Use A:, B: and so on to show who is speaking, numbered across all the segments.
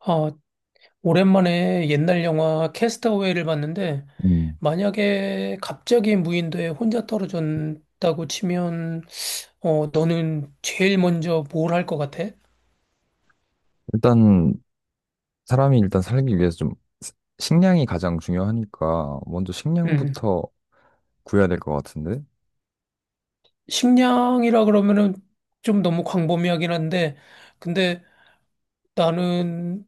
A: 아, 오랜만에 옛날 영화 캐스터웨이를 봤는데,
B: 음.
A: 만약에 갑자기 무인도에 혼자 떨어졌다고 치면, 너는 제일 먼저 뭘 할 것 같아?
B: 일단 사람이 일단 살기 위해서 좀 스- 식량이 가장 중요하니까 먼저
A: 음.
B: 식량부터 구해야 될 것 같은데?
A: 식량이라 그러면은 좀 너무 광범위하긴 한데, 근데 나는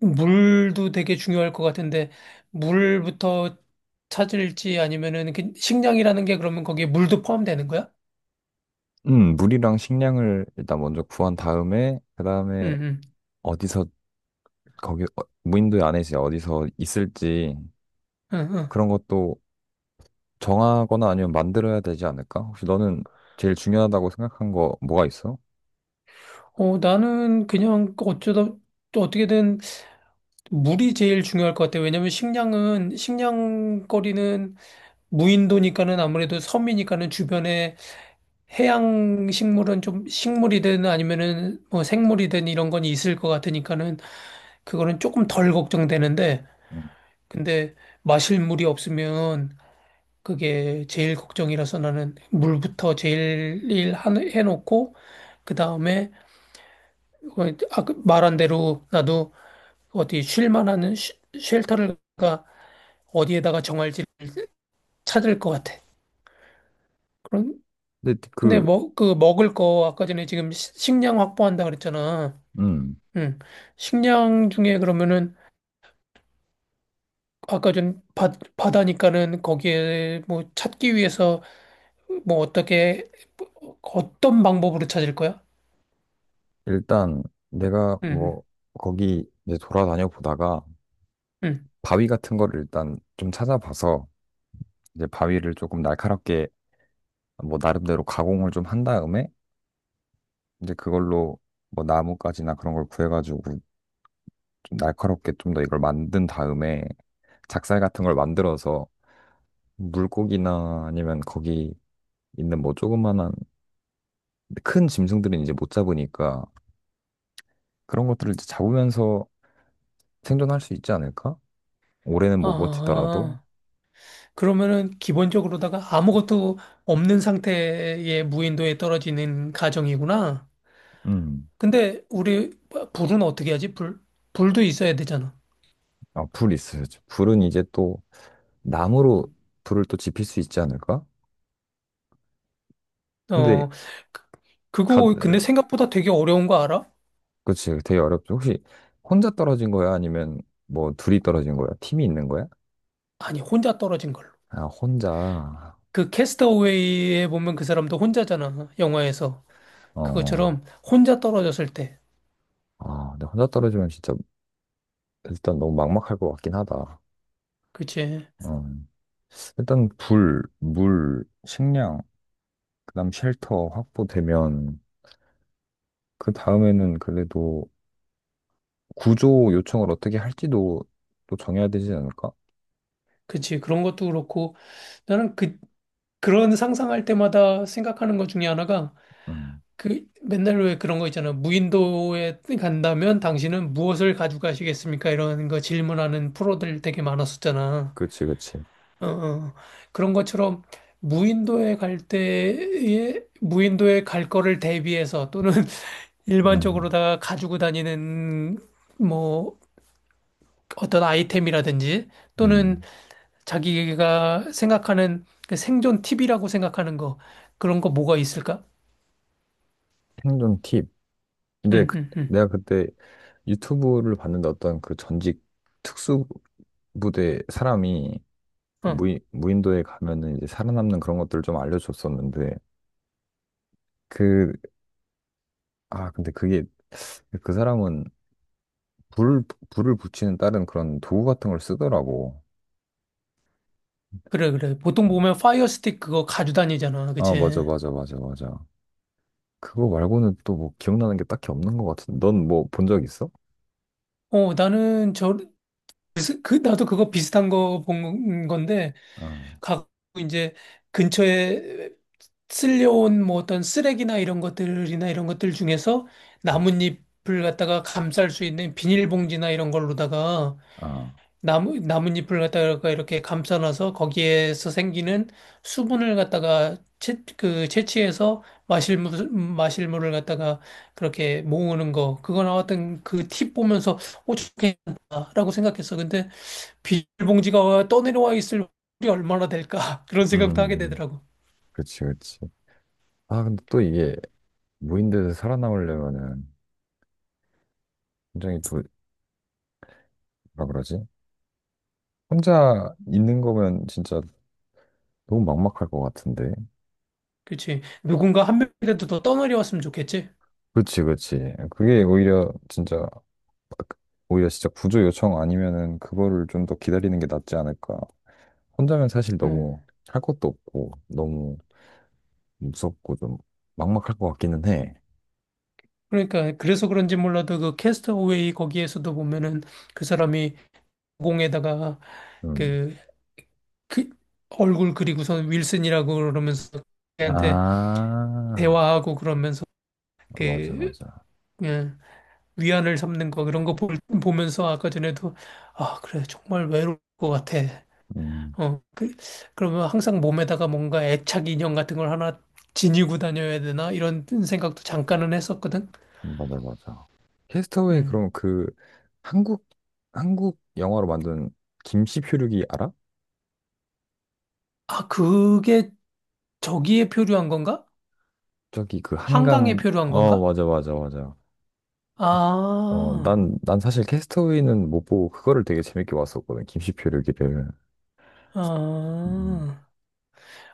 A: 물도 되게 중요할 것 같은데, 물부터 찾을지 아니면은 그 식량이라는 게 그러면 거기에 물도 포함되는 거야?
B: 물이랑 식량을 일단 먼저 구한 다음에 그다음에
A: 응,
B: 어디서 무인도에 안에 이제 어디서 있을지
A: 응, 응,
B: 그런 것도 정하거나 아니면 만들어야 되지 않을까? 혹시 너는 제일 중요하다고 생각한 거 뭐가 있어?
A: 나는 그냥 어쩌다 또 어떻게든 물이 제일 중요할 것 같아. 왜냐면 식량거리는 무인도니까는 아무래도 섬이니까는 주변에 해양 식물은 좀 식물이든 아니면은 뭐 생물이든 이런 건 있을 것 같으니까는 그거는 조금 덜 걱정되는데
B: 음.
A: 근데 마실 물이 없으면 그게 제일 걱정이라서 나는 물부터 제일 해놓고 그다음에 어, 아, 그 말한 대로 나도 어디 쉴 만한 쉘터를 가 어디에다가 정할지 찾을 것 같아. 그런
B: 근데
A: 근데
B: 그
A: 뭐 그 먹을 거 아까 전에 지금 식량 확보한다 그랬잖아.
B: 음,
A: 응. 식량 중에 그러면은 아까 전 바, 바다니까는 거기에 뭐 찾기 위해서 뭐 어떻게 어떤 방법으로 찾을 거야?
B: 일단 내가
A: 응.
B: 뭐 거기 이제 돌아다녀 보다가
A: 응. 응.
B: 바위 같은 거를 일단 좀 찾아봐서 이제 바위를 조금 날카롭게 뭐 나름대로 가공을 좀 한 다음에 이제 그걸로 뭐 나뭇가지나 그런 걸 구해가지고 좀 날카롭게 좀 더 이걸 만든 다음에 작살 같은 걸 만들어서 물고기나 아니면 거기 있는 뭐 조그만한 큰 짐승들은 이제 못 잡으니까 그런 것들을 이제 잡으면서 생존할 수 있지 않을까? 올해는 못 버티더라도.
A: 아, 그러면은 기본적으로다가 아무것도 없는 상태의 무인도에 떨어지는 가정이구나.
B: 음.
A: 근데 우리 불은 어떻게 하지? 불? 불도 있어야 되잖아.
B: 아, 불 있어야죠. 불은 이제 또 나무로 불을 또 지필 수 있지 않을까? 근데
A: 어, 그-
B: 가
A: 그거 근데 생각보다 되게 어려운 거 알아?
B: 그치 되게 어렵죠. 혹시 혼자 떨어진 거야? 아니면 뭐 둘이 떨어진 거야? 팀이 있는 거야?
A: 아니, 혼자 떨어진 걸로.
B: 아, 혼자.
A: 그 캐스터웨이에 보면 그 사람도 혼자잖아, 영화에서.
B: 어.
A: 그것처럼 혼자 떨어졌을 때.
B: 아, 근데 혼자 떨어지면 진짜 일단 너무 막막할 것 같긴 하다.
A: 그치?
B: 어. 일단 불, 물, 식량, 그다음 쉘터 확보되면 그 다음에는 그래도 구조 요청을 어떻게 할지도 또 정해야 되지 않을까?
A: 그치. 그런 것도 그렇고 나는 그 그런 상상할 때마다 생각하는 것 중에 하나가
B: 음.
A: 그 맨날 왜 그런 거 있잖아. 무인도에 간다면 당신은 무엇을 가지고 가시겠습니까? 이런 거 질문하는 프로들 되게 많았었잖아.
B: 그치, 그치.
A: 어, 어. 그런 것처럼 무인도에 갈 때에 무인도에 갈 거를 대비해서 또는
B: 음.
A: 일반적으로다가 가지고 다니는 뭐 어떤 아이템이라든지 또는
B: 음.
A: 자기가 생각하는 그 생존 팁이라고 생각하는 거 그런 거 뭐가 있을까?
B: 생존 팁. 근데
A: 응,
B: 그-
A: 응, 응.
B: 내가 그때 유튜브를 봤는데 어떤 그 전직 특수부대 사람이
A: 어,
B: 무인도에 가면은 이제 살아남는 그런 것들을 좀 알려줬었는데 그, 근데 그게 그 사람은 불, 불을 붙이는 다른 그런 도구 같은 걸 쓰더라고.
A: 그래, 그래. 보통
B: 어,
A: 보면 파이어 스틱 그거 가지고 다니잖아.
B: 아, 맞아,
A: 그치?
B: 맞아, 맞아, 맞아. 그거 말고는 또 뭐 기억나는 게 딱히 없는 것 같은데. 넌 뭐 본 적 있어?
A: 나는 저, 그, 나도 그거 비슷한 거 본 건데
B: 아,
A: 갖고 이제 근처에 쓸려온 뭐 어떤 쓰레기나 이런 것들이나 이런 것들 중에서 나뭇잎을 갖다가 감쌀 수 있는 비닐봉지나 이런 걸로다가
B: 아,
A: 나뭇잎을 갖다가 이렇게 감싸놔서 거기에서 생기는 수분을 갖다가 그 채취해서 마실 물을 갖다가 그렇게 모으는 거. 그거 나왔던 그 팁 보면서 오, 좋겠다라고 생각했어. 근데 비닐봉지가 떠내려와 있을 확률이 얼마나 될까? 그런 생각도 하게
B: 음,
A: 되더라고.
B: 그치, 그치. 아, 근데 또 이게 무인도에서 살아남으려면은 굉장히 뭐라 그러지? 혼자 있는 거면 진짜 너무 막막할 것 같은데.
A: 그치. 누군가 한 명이라도 더 떠내려왔으면 좋겠지?
B: 그치, 그치. 오히려 진짜 구조 요청 아니면은 그거를 좀 더 기다리는 게 낫지 않을까. 혼자면 사실 너무
A: 음.
B: 할 것도 없고, 너무 무섭고 좀 막막할 것 같기는 해.
A: 그러니까, 그래서 그런지 몰라도 그 캐스터웨이 거기에서도 보면은 그 사람이 공에다가
B: 음.
A: 그, 그 얼굴 그리고선 윌슨이라고 그러면서 걔한테
B: 아,
A: 대화하고 그러면서
B: 맞아,
A: 그,
B: 맞아.
A: 그냥 위안을 삼는 거 그런 거 보면서 아까 전에도 아, 그래. 정말 외로울 것 같아.
B: 음,
A: 어, 그, 그러면 항상 몸에다가 뭔가 애착 인형 같은 걸 하나 지니고 다녀야 되나? 이런 생각도 잠깐은 했었거든.
B: 맞아, 맞아. 캐스터웨이
A: 음.
B: 그럼 그 한국, 한국 영화로 만든 김씨 표류기 알아?
A: 아, 그게 저기에 표류한 건가?
B: 저기 그
A: 한강에
B: 한강.
A: 표류한
B: 어,
A: 건가?
B: 맞아, 맞아, 맞아. 어,
A: 아,
B: 난 사실 캐스터웨이는 못 보고 그거를 되게 재밌게 봤었거든, 김시표류기를. 음.
A: 아,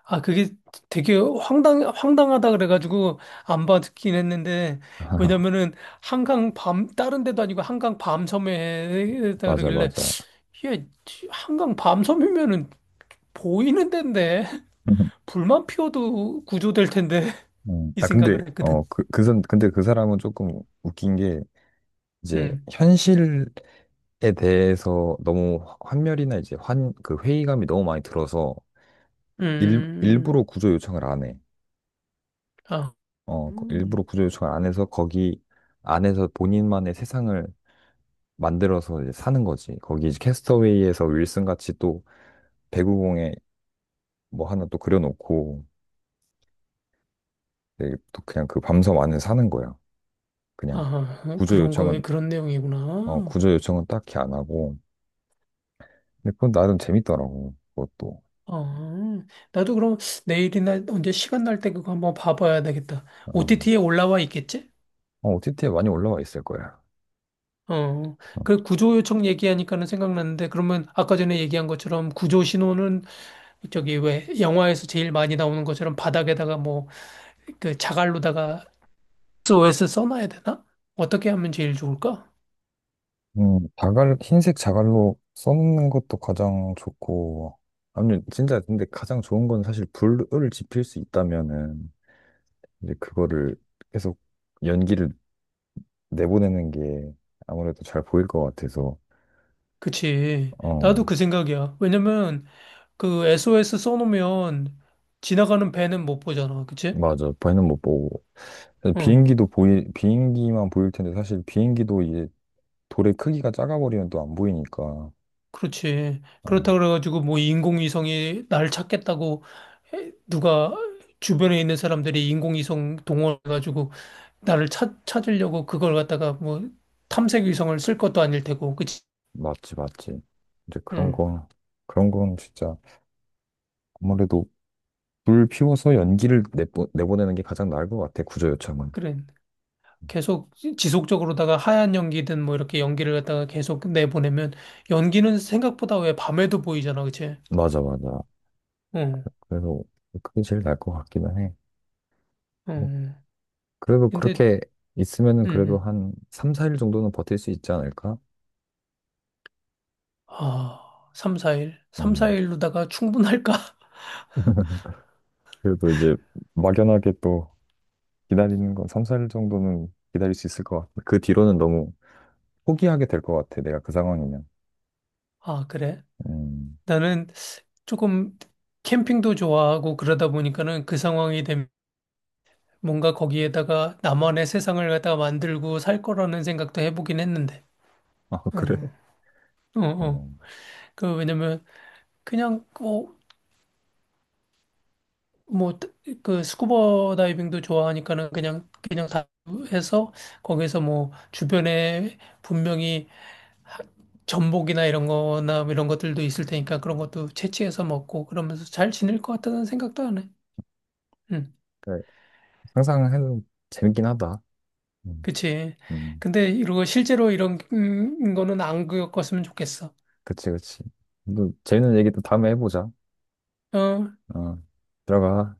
A: 아, 그게 되게 황당하다 그래가지고 안 받긴 했는데, 왜냐면은 다른 데도 아니고 한강 밤섬에 했다
B: 맞아,
A: 그러길래,
B: 맞아.
A: 예, 한강 밤섬이면은 보이는 데인데. 불만 피워도 구조될 텐데 이
B: 아, 근데
A: 생각을 했거든.
B: 어그그 근데 그 사람은 조금 웃긴 게 이제
A: 음,
B: 현실에 대해서 너무 환멸이나 이제 환 그 회의감이 너무 많이 들어서 일
A: 음,
B: 일부러 구조 요청을 안 해.
A: 아,
B: 어, 그
A: 음,
B: 일부러 구조 요청을 안 해서 거기 안에서 본인만의 세상을 만들어서 이제 사는 거지. 거기 이제 캐스터웨이에서 윌슨 같이 또 배구공에 뭐 하나 또 그려놓고 이제 또 그냥 그 밤섬 안에 사는 거야. 그냥
A: 아,
B: 구조
A: 그런 거에
B: 요청은.
A: 그런
B: 어,
A: 내용이구나.
B: 구조 요청은 딱히 안 하고. 근데 그건 나름 재밌더라고. 그것도.
A: 아, 나도 그럼 내일이나 언제 시간 날 때 그거 한번 봐봐야 되겠다.
B: 어,
A: OTT에 올라와 있겠지?
B: OTT에 많이 올라와 있을 거야.
A: 어,
B: 어.
A: 그 구조 요청 얘기하니까는 생각났는데 그러면 아까 전에 얘기한 것처럼 구조 신호는 저기 왜 영화에서 제일 많이 나오는 것처럼 바닥에다가 뭐 그 자갈로다가 SOS 써놔야 되나? 어떻게 하면 제일 좋을까?
B: 자갈 흰색 자갈로 써놓는 것도 가장 좋고. 아니 진짜 근데 가장 좋은 건 사실 불을 지필 수 있다면은 이제 그거를 계속 연기를 내보내는 게 아무래도 잘 보일 것 같아서.
A: 그치.
B: 어,
A: 나도 그 생각이야. 왜냐면 그 SOS 써놓으면 지나가는 배는 못 보잖아. 그치?
B: 맞아. 배는 못 보고. 사실
A: 응.
B: 비행기만 보일 텐데, 사실 비행기도 이제 돌의 크기가 작아버리면 또 안 보이니까.
A: 그렇지.
B: 어,
A: 그렇다 그래가지고 뭐 인공위성이 날 찾겠다고 누가 주변에 있는 사람들이 인공위성 동원해가지고 나를 찾으려고 그걸 갖다가 뭐 탐색위성을 쓸 것도 아닐 테고. 그치?
B: 맞지, 맞지. 이제 그런
A: 응.
B: 거, 그런 건 진짜 아무래도 불 피워서 내보내는 게 가장 나을 것 같아, 구조 요청은.
A: 그래. 계속 지속적으로다가 하얀 연기든 뭐 이렇게 연기를 갖다가 계속 내보내면 연기는 생각보다 왜 밤에도 보이잖아. 그치?
B: 맞아, 맞아.
A: 응,
B: 그래서 그게 제일 나을 것 같기는 해. 뭐,
A: 응.
B: 그래도
A: 근데,
B: 그렇게 있으면은
A: 응,
B: 그래도
A: 응.
B: 한 3, 4일 정도는 버틸 수 있지 않을까?
A: 아, 3, 4일? 3,
B: 어.
A: 4일로다가 충분할까?
B: 그래도 이제 막연하게 또 기다리는 건 3, 4일 정도는 기다릴 수 있을 것 같아. 그 뒤로는 너무 포기하게 될 것 같아. 내가 그 상황이면.
A: 아, 그래?
B: 음.
A: 나는 조금 캠핑도 좋아하고 그러다 보니까는 그 상황이 되면 뭔가 거기에다가 나만의 세상을 갖다가 만들고 살 거라는 생각도 해보긴 했는데.
B: 아, 그래?
A: 응, 응. 어, 어.
B: 어.
A: 그, 왜냐면 그냥, 뭐, 그 스쿠버 다이빙도 좋아하니까는 그냥, 그냥 다 해서 거기서 뭐 주변에 분명히 전복이나 이런 거나 이런 것들도 있을 테니까 그런 것도 채취해서 먹고 그러면서 잘 지낼 것 같다는 생각도 하네. 응,
B: 네. 항상 해도 재밌긴 하다. 음.
A: 그치.
B: 음.
A: 근데 이거 실제로 이런 거는 안 겪었으면 좋겠어.
B: 그치, 그치. 또 재밌는 얘기 또 다음에 해보자.
A: 어,
B: 어. 들어가.